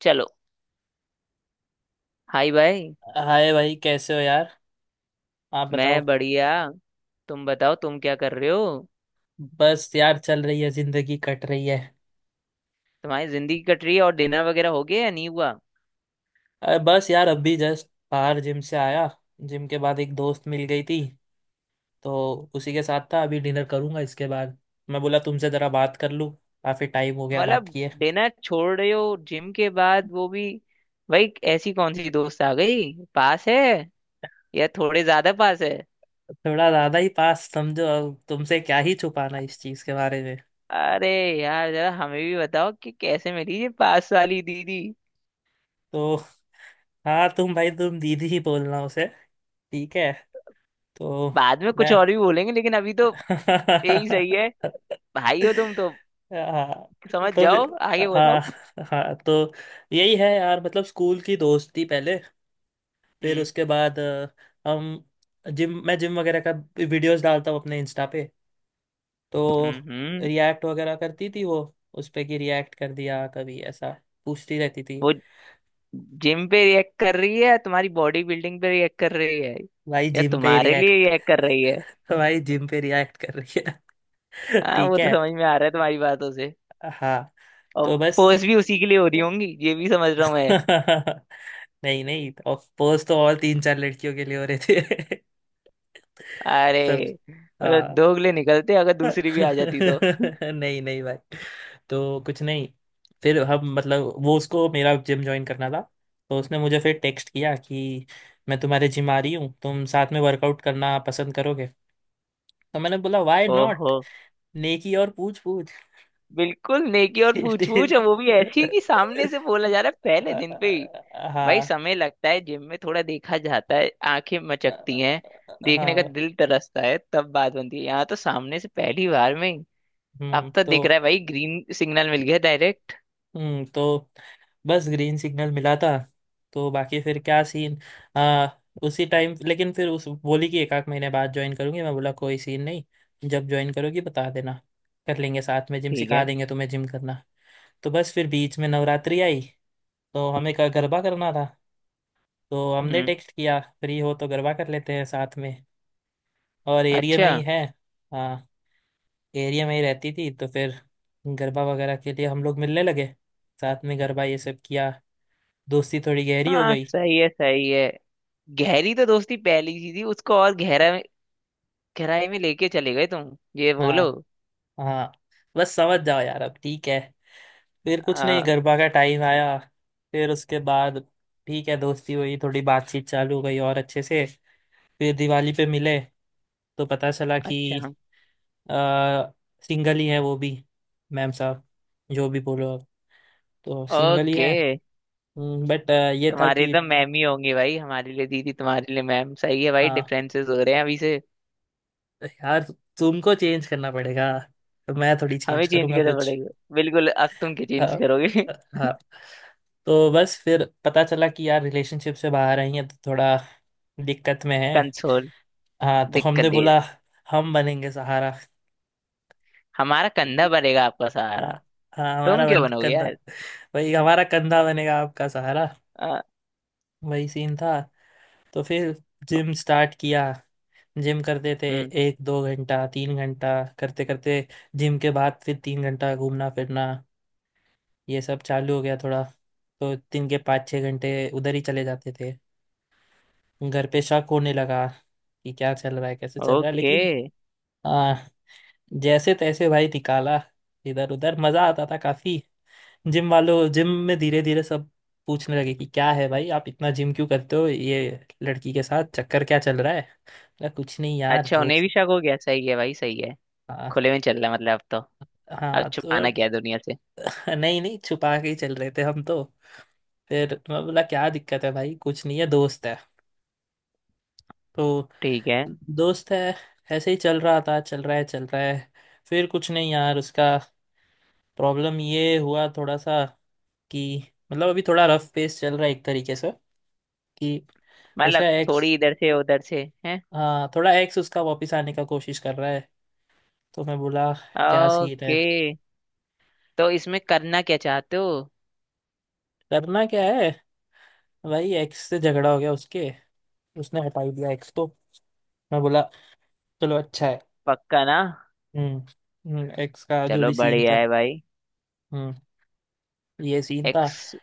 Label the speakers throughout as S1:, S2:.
S1: चलो। हाय भाई।
S2: हाय भाई, कैसे हो यार? आप बताओ।
S1: मैं बढ़िया। तुम बताओ, तुम क्या कर रहे हो।
S2: बस यार, चल रही है, जिंदगी कट रही है।
S1: तुम्हारी जिंदगी कट रही है, और डिनर वगैरह हो गया या नहीं हुआ।
S2: अरे बस यार, अभी जस्ट बाहर जिम से आया। जिम के बाद एक दोस्त मिल गई थी, तो उसी के साथ था। अभी डिनर करूंगा इसके बाद। मैं बोला तुमसे ज़रा बात कर लूँ, काफ़ी टाइम हो गया बात
S1: मतलब
S2: किए।
S1: डिनर छोड़ रहे हो जिम के बाद वो भी। भाई ऐसी कौन सी दोस्त आ गई पास है, या थोड़े ज्यादा पास है।
S2: थोड़ा ज़्यादा ही पास समझो। अब तुमसे क्या ही छुपाना इस चीज़ के बारे में।
S1: अरे यार जरा हमें भी बताओ कि कैसे मिली ये पास वाली दीदी।
S2: तो हाँ, तुम भाई तुम दीदी ही बोलना उसे, ठीक है? तो
S1: बाद में कुछ
S2: मैं
S1: और भी बोलेंगे, लेकिन अभी तो यही सही
S2: हाँ।
S1: है। भाई हो तुम तो। समझ
S2: तो
S1: जाओ,
S2: फिर-
S1: आगे बताओ।
S2: हाँ। हाँ तो यही है यार, मतलब स्कूल की दोस्ती पहले, फिर
S1: हम्म।
S2: उसके बाद हम जिम, मैं जिम वगैरह का वीडियोस डालता हूँ अपने इंस्टा पे। तो
S1: हम्म। हम्म।
S2: रिएक्ट वगैरह करती थी वो, उस पे कि रिएक्ट कर दिया कभी ऐसा, पूछती रहती थी।
S1: वो जिम पे रिएक्ट कर रही है या तुम्हारी बॉडी बिल्डिंग पे रिएक्ट कर रही है,
S2: भाई
S1: या
S2: जिम पे
S1: तुम्हारे लिए
S2: रिएक्ट,
S1: रिएक्ट कर रही है।
S2: भाई जिम पे रिएक्ट कर रही है
S1: हाँ
S2: ठीक
S1: वो तो
S2: है।
S1: समझ में आ रहा है तुम्हारी बातों से।
S2: हाँ
S1: और
S2: तो
S1: पोस्ट
S2: बस।
S1: भी उसी के लिए हो रही होंगी, ये भी समझ रहा हूँ मैं।
S2: नहीं नहीं, पोज तो और तीन चार लड़कियों के लिए हो रहे थे
S1: अरे
S2: सब।
S1: मतलब
S2: हाँ।
S1: दोगले निकलते अगर दूसरी भी आ जाती तो।
S2: नहीं नहीं भाई, तो कुछ नहीं। फिर हम मतलब वो उसको मेरा जिम ज्वाइन करना था, तो उसने मुझे फिर टेक्स्ट किया कि मैं तुम्हारे जिम आ रही हूँ, तुम साथ में वर्कआउट करना पसंद करोगे? तो मैंने बोला व्हाई नॉट,
S1: ओहो।
S2: नेकी और पूछ पूछ।
S1: बिल्कुल नेकी और
S2: It
S1: पूछ पूछ है,
S2: is-
S1: वो भी ऐसी कि सामने से बोला जा रहा है पहले
S2: आ-
S1: दिन पे ही। भाई
S2: हाँ।
S1: समय लगता है, जिम में थोड़ा देखा जाता है, आंखें मचकती हैं, देखने का
S2: हाँ।
S1: दिल तरसता है, तब बात बनती है। यहाँ तो सामने से पहली बार में। अब तो
S2: तो,
S1: दिख रहा है भाई, ग्रीन सिग्नल मिल गया डायरेक्ट।
S2: तो बस ग्रीन सिग्नल मिला था, तो बाकी फिर क्या सीन। आ, उसी टाइम लेकिन फिर उस बोली कि एक आध महीने बाद ज्वाइन करूंगी। मैं बोला कोई सीन नहीं, जब ज्वाइन करोगी बता देना, कर लेंगे साथ में जिम,
S1: ठीक
S2: सिखा
S1: है।
S2: देंगे तुम्हें जिम करना। तो बस फिर बीच में नवरात्रि आई, तो हमें का गरबा करना था, तो हमने
S1: हम्म।
S2: टेक्स्ट किया फ्री हो तो गरबा कर लेते हैं साथ में। और एरिया में
S1: अच्छा।
S2: ही है। हाँ, एरिया में ही रहती थी, तो फिर गरबा वगैरह के लिए हम लोग मिलने लगे, साथ में गरबा ये सब किया, दोस्ती थोड़ी गहरी हो
S1: हाँ
S2: गई।
S1: सही है, सही है। गहरी तो दोस्ती पहली सी थी उसको और गहराई में लेके चले गए तुम, ये बोलो।
S2: हाँ। हाँ बस समझ जाओ यार अब, ठीक है। फिर कुछ नहीं,
S1: आ,
S2: गरबा का टाइम आया, फिर उसके बाद ठीक है, दोस्ती हुई, थोड़ी बातचीत चालू हो गई और अच्छे से। फिर दिवाली पे मिले, तो पता चला
S1: अच्छा।
S2: कि आ, सिंगल ही है वो भी। मैम साहब, जो भी बोलो आप, तो सिंगल ही
S1: ओके।
S2: है। बट ये था
S1: तुम्हारे
S2: कि,
S1: तो मैम ही होंगे भाई, हमारे लिए दीदी तुम्हारे लिए मैम। सही है भाई,
S2: हाँ
S1: डिफरेंसेस हो रहे हैं अभी से।
S2: यार तुमको चेंज करना पड़ेगा, तो मैं थोड़ी
S1: हमें
S2: चेंज
S1: चेंज
S2: करूँगा
S1: करना
S2: कुछ।
S1: पड़ेगा। बिल्कुल अब तुम क्या चेंज
S2: हाँ।
S1: करोगे।
S2: हाँ तो बस फिर पता चला कि यार रिलेशनशिप से बाहर आई है, तो थोड़ा दिक्कत में है।
S1: कंसोल।
S2: हाँ तो हमने
S1: दिक्कत दे।
S2: बोला हम बनेंगे सहारा।
S1: हमारा कंधा बनेगा आपका
S2: हाँ।
S1: सहारा।
S2: हाँ
S1: तुम
S2: हमारा
S1: क्यों
S2: बन
S1: बनोगे
S2: कंधा,
S1: यार।
S2: भाई हमारा कंधा बनेगा आपका सहारा।
S1: आ,
S2: वही सीन था। तो फिर जिम स्टार्ट किया, जिम करते थे
S1: हम्म।
S2: एक दो घंटा, तीन घंटा, करते करते जिम के बाद फिर तीन घंटा घूमना फिरना, ये सब चालू हो गया थोड़ा। तो दिन के पाँच छः घंटे उधर ही चले जाते थे। घर पे शक होने लगा कि क्या चल रहा है, कैसे चल रहा है,
S1: ओके।
S2: लेकिन आ, जैसे तैसे भाई निकाला। इधर उधर मज़ा आता था काफ़ी। जिम में धीरे धीरे सब पूछने लगे कि क्या है भाई, आप इतना जिम क्यों करते हो, ये लड़की के साथ चक्कर क्या चल रहा है। अरे कुछ नहीं यार,
S1: अच्छा उन्हें
S2: दोस्त।
S1: भी शक हो गया, सही है भाई सही है।
S2: हाँ
S1: खुले में चल रहा है मतलब अब तो। अब
S2: हाँ तो
S1: छुपाना
S2: अब
S1: क्या है दुनिया से।
S2: नहीं नहीं, छुपा के ही चल रहे थे हम तो। फिर मैं बोला क्या दिक्कत है भाई, कुछ नहीं है, दोस्त है। तो
S1: ठीक है।
S2: दोस्त है। ऐसे ही चल रहा था, चल रहा है, चल रहा है। फिर कुछ नहीं यार, उसका प्रॉब्लम ये हुआ थोड़ा सा कि मतलब अभी थोड़ा रफ पेस चल रहा है एक तरीके से कि
S1: मतलब
S2: उसका
S1: थोड़ी
S2: एक्स।
S1: इधर से उधर से है।
S2: हाँ, थोड़ा एक्स उसका वापस आने का कोशिश कर रहा है। तो मैं बोला क्या सीन है।
S1: ओके। तो इसमें करना क्या चाहते हो।
S2: करना क्या है, भाई एक्स से झगड़ा हो गया उसके, उसने हटा ही दिया एक्स को। मैं बोला चलो अच्छा है।
S1: पक्का ना।
S2: हम्म, एक्स का जो
S1: चलो
S2: भी सीन
S1: बढ़िया
S2: था।
S1: है भाई।
S2: हम्म, ये सीन था।
S1: एक्स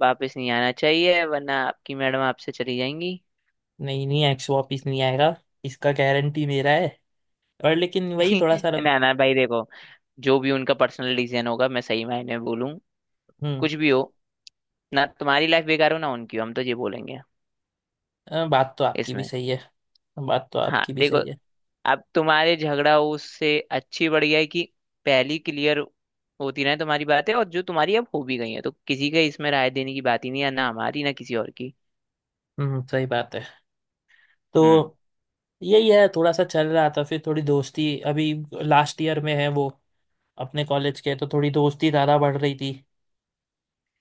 S1: वापस नहीं आना चाहिए, वरना आपकी मैडम आपसे चली जाएंगी।
S2: नहीं नहीं, एक्स वापिस नहीं आएगा, इसका गारंटी मेरा है। और लेकिन वही थोड़ा सा
S1: ना ना भाई देखो, जो भी उनका पर्सनल डिसीजन होगा, मैं सही मायने में बोलूँ,
S2: हम्म।
S1: कुछ भी हो, ना तुम्हारी लाइफ बेकार हो ना उनकी हो, हम तो ये बोलेंगे
S2: बात तो आपकी भी
S1: इसमें।
S2: सही है। बात तो
S1: हाँ
S2: आपकी भी
S1: देखो,
S2: सही है।
S1: अब तुम्हारे झगड़ा उससे अच्छी बढ़िया है कि पहली क्लियर होती रहे तुम्हारी बातें, और जो तुम्हारी अब हो भी गई है तो किसी के इसमें राय देने की बात ही नहीं है, ना हमारी ना किसी और की।
S2: हम्म, सही बात है। तो
S1: हम्म।
S2: यही है, थोड़ा सा चल रहा था। फिर थोड़ी दोस्ती, अभी लास्ट ईयर में है वो अपने कॉलेज के, तो थोड़ी दोस्ती ज़्यादा बढ़ रही थी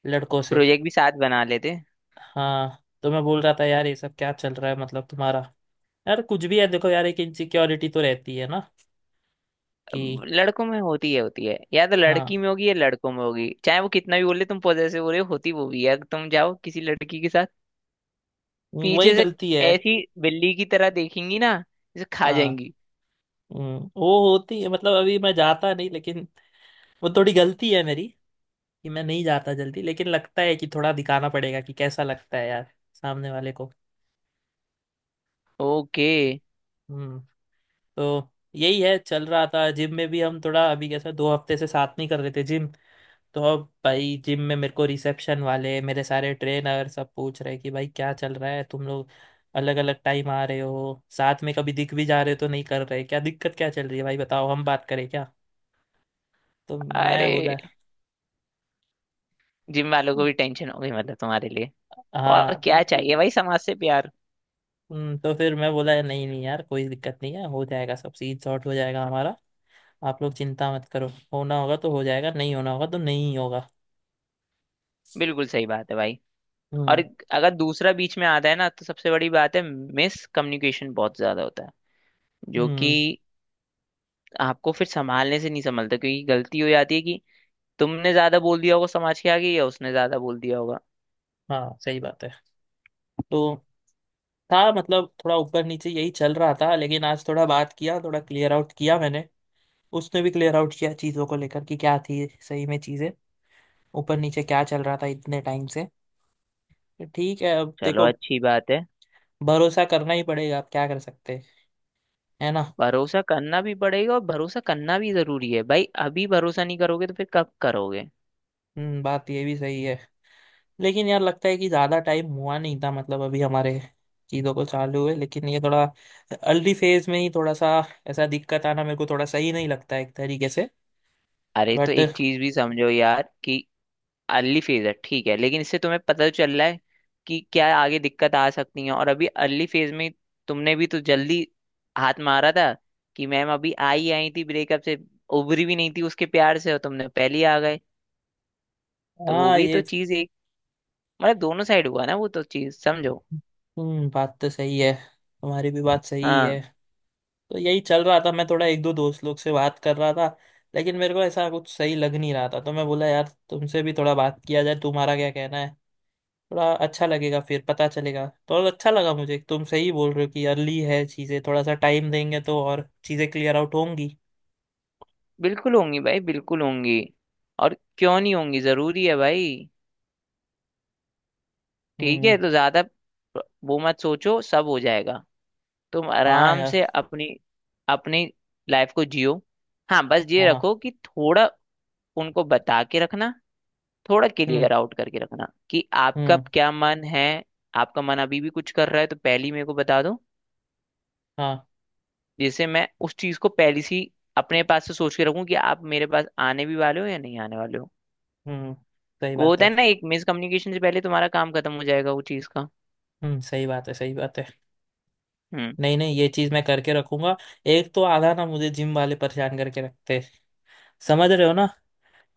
S2: लड़कों से।
S1: प्रोजेक्ट भी साथ बना लेते।
S2: हाँ तो मैं बोल रहा था यार ये सब क्या चल रहा है, मतलब तुम्हारा, यार कुछ भी है देखो यार, एक इनसिक्योरिटी तो रहती है ना कि,
S1: अब लड़कों में होती है, होती है, या तो लड़की
S2: हाँ
S1: में होगी या लड़कों में होगी, चाहे वो कितना भी बोले तुम पॉजेसिव हो रहे हो, होती वो भी है अगर तुम जाओ किसी लड़की के साथ।
S2: वही
S1: पीछे से
S2: गलती है।
S1: ऐसी बिल्ली की तरह देखेंगी ना, जैसे खा
S2: हाँ,
S1: जाएंगी।
S2: वो होती है। मतलब अभी मैं जाता नहीं, लेकिन वो थोड़ी गलती है मेरी कि मैं नहीं जाता जल्दी, लेकिन लगता है कि थोड़ा दिखाना पड़ेगा कि कैसा लगता है यार सामने वाले को।
S1: ओके।
S2: हम्म। तो यही है चल रहा था। जिम में भी हम थोड़ा अभी कैसा दो हफ्ते से साथ नहीं कर रहे थे जिम। तो अब भाई जिम में मेरे को रिसेप्शन वाले, मेरे सारे ट्रेनर सब पूछ रहे कि भाई क्या चल रहा है तुम लोग, अलग अलग टाइम आ रहे हो, साथ में कभी दिख भी जा रहे हो तो नहीं कर रहे, क्या दिक्कत, क्या चल रही है भाई, बताओ हम बात करें क्या। तो मैं
S1: अरे
S2: बोला,
S1: जिम वालों को भी टेंशन हो गई मतलब तुम्हारे लिए। और
S2: हाँ
S1: क्या चाहिए भाई, समाज से प्यार।
S2: तो फिर मैं बोला नहीं नहीं यार, कोई दिक्कत नहीं है, हो जाएगा सब, सीट सॉर्ट हो जाएगा हमारा, आप लोग चिंता मत करो। होना होगा तो हो जाएगा, नहीं होना होगा तो नहीं होगा।
S1: बिल्कुल सही बात है भाई। और
S2: हम्म।
S1: अगर दूसरा बीच में आता है ना तो सबसे बड़ी बात है, मिस कम्युनिकेशन बहुत ज्यादा होता है, जो
S2: हम्म
S1: कि आपको फिर संभालने से नहीं संभलता, क्योंकि गलती हो जाती है कि तुमने ज्यादा बोल दिया होगा समाज के आगे, या उसने ज्यादा बोल दिया होगा।
S2: हाँ सही बात है। तो था मतलब थोड़ा ऊपर नीचे यही चल रहा था, लेकिन आज थोड़ा बात किया, थोड़ा क्लियर आउट किया मैंने, उसने भी क्लियर आउट किया चीज़ों को लेकर कि क्या थी सही में चीज़ें, ऊपर नीचे क्या चल रहा था इतने टाइम से। तो ठीक है, अब
S1: चलो
S2: देखो,
S1: अच्छी बात है।
S2: भरोसा करना ही पड़ेगा, अब क्या कर सकते हैं, है ना।
S1: भरोसा करना भी पड़ेगा, और भरोसा करना भी जरूरी है भाई, अभी भरोसा नहीं करोगे तो फिर कब करोगे।
S2: बात ये भी सही है, लेकिन यार लगता है कि ज़्यादा टाइम हुआ नहीं था, मतलब अभी हमारे चीज़ों को चालू हुए, लेकिन ये थोड़ा अर्ली फेज में ही थोड़ा सा ऐसा दिक्कत आना मेरे को थोड़ा सही नहीं लगता है एक तरीके से।
S1: अरे तो
S2: बट
S1: एक चीज भी समझो यार कि अर्ली फेज है ठीक है, लेकिन इससे तुम्हें पता तो चल रहा है कि क्या आगे दिक्कत आ सकती है। और अभी अर्ली फेज में तुमने भी तो जल्दी हाथ मारा था, कि मैम अभी आई आई थी ब्रेकअप से, उभरी भी नहीं थी उसके प्यार से और तुमने पहले ही आ गए। तो वो
S2: हाँ,
S1: भी तो
S2: ये
S1: चीज एक, मतलब दोनों साइड हुआ ना, वो तो चीज समझो।
S2: बात तो सही है, तुम्हारी भी बात सही
S1: हाँ
S2: है। तो यही चल रहा था, मैं थोड़ा एक दो दोस्त लोग से बात कर रहा था, लेकिन मेरे को ऐसा कुछ सही लग नहीं रहा था, तो मैं बोला यार तुमसे भी थोड़ा बात किया जाए, तुम्हारा क्या कहना है, थोड़ा अच्छा लगेगा, फिर पता चलेगा तो और अच्छा लगा मुझे, तुम सही बोल रहे हो कि अर्ली है चीज़ें, थोड़ा सा टाइम देंगे तो और चीज़ें क्लियर आउट होंगी।
S1: बिल्कुल होंगी भाई, बिल्कुल होंगी। और क्यों नहीं होंगी, जरूरी है भाई। ठीक है
S2: हम्म।
S1: तो ज्यादा वो मत सोचो, सब हो जाएगा। तुम
S2: हाँ
S1: आराम
S2: यार।
S1: से अपनी अपनी लाइफ को जियो। हाँ बस ये
S2: हाँ हाँ।
S1: रखो कि थोड़ा उनको बता के रखना, थोड़ा
S2: हम्म।
S1: क्लियर आउट करके रखना कि आपका
S2: हम्म।
S1: क्या मन है। आपका मन अभी भी कुछ कर रहा है तो पहले ही मेरे को बता दो,
S2: हाँ।
S1: जिससे मैं उस चीज को पहले से ही अपने पास से सोच के रखूं कि आप मेरे पास आने भी वाले हो या नहीं आने वाले हो।
S2: हम्म, सही
S1: वो
S2: बात
S1: होता
S2: है।
S1: है ना, एक मिस कम्युनिकेशन से पहले तुम्हारा काम खत्म हो जाएगा वो चीज का।
S2: सही बात है, सही बात है।
S1: हम्म।
S2: नहीं नहीं, ये चीज मैं करके रखूंगा। एक तो आधा ना मुझे जिम वाले परेशान करके रखते हैं, समझ रहे हो ना,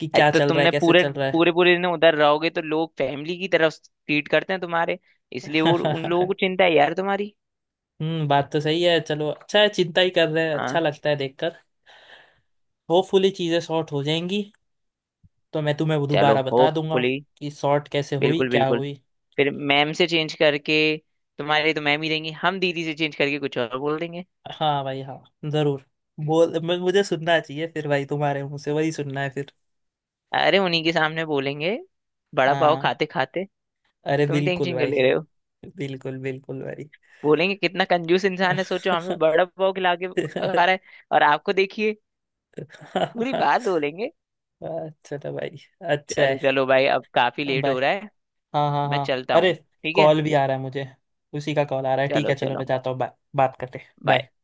S2: कि
S1: अरे
S2: क्या
S1: तो
S2: चल रहा है,
S1: तुमने
S2: कैसे
S1: पूरे
S2: चल रहा
S1: पूरे पूरे दिन उधर रहोगे तो लोग फैमिली की तरफ ट्रीट करते हैं तुम्हारे, इसलिए वो उन लोगों को
S2: है।
S1: चिंता है यार तुम्हारी।
S2: बात तो सही है, चलो अच्छा है, चिंता ही कर रहे हैं, अच्छा
S1: हाँ।
S2: लगता है देखकर। होपफुली चीजें सॉर्ट हो जाएंगी, तो मैं तुम्हें वो
S1: चलो
S2: दोबारा बता दूंगा
S1: होपफुली।
S2: कि सॉर्ट कैसे हुई,
S1: बिल्कुल
S2: क्या
S1: बिल्कुल।
S2: हुई।
S1: फिर मैम से चेंज करके, तुम्हारे तो मैम ही देंगी, हम दीदी से चेंज करके कुछ और बोल देंगे।
S2: हाँ भाई हाँ, जरूर। मुझे सुनना चाहिए फिर भाई, तुम्हारे मुंह से वही सुनना है फिर।
S1: अरे उन्हीं के सामने बोलेंगे, बड़ा पाव
S2: हाँ,
S1: खाते खाते।
S2: अरे
S1: तुम
S2: बिल्कुल
S1: टेंशन क्यों
S2: भाई।
S1: ले रहे हो।
S2: बिल्कुल बिल्कुल
S1: बोलेंगे कितना कंजूस इंसान है, सोचो हमें
S2: भाई।
S1: बड़ा पाव खिला के आ रहा है। और आपको देखिए पूरी बात बोलेंगे।
S2: अच्छा था भाई, अच्छा
S1: चलो
S2: है।
S1: चलो भाई अब काफी लेट
S2: बाय।
S1: हो रहा है।
S2: हाँ हाँ
S1: मैं
S2: हाँ,
S1: चलता
S2: अरे
S1: हूँ। ठीक है,
S2: कॉल भी आ रहा है मुझे, उसी का कॉल आ रहा है, ठीक
S1: चलो
S2: है चलो
S1: चलो।
S2: मैं जाता हूँ, बाय, बात करते हैं,
S1: बाय।
S2: बाय।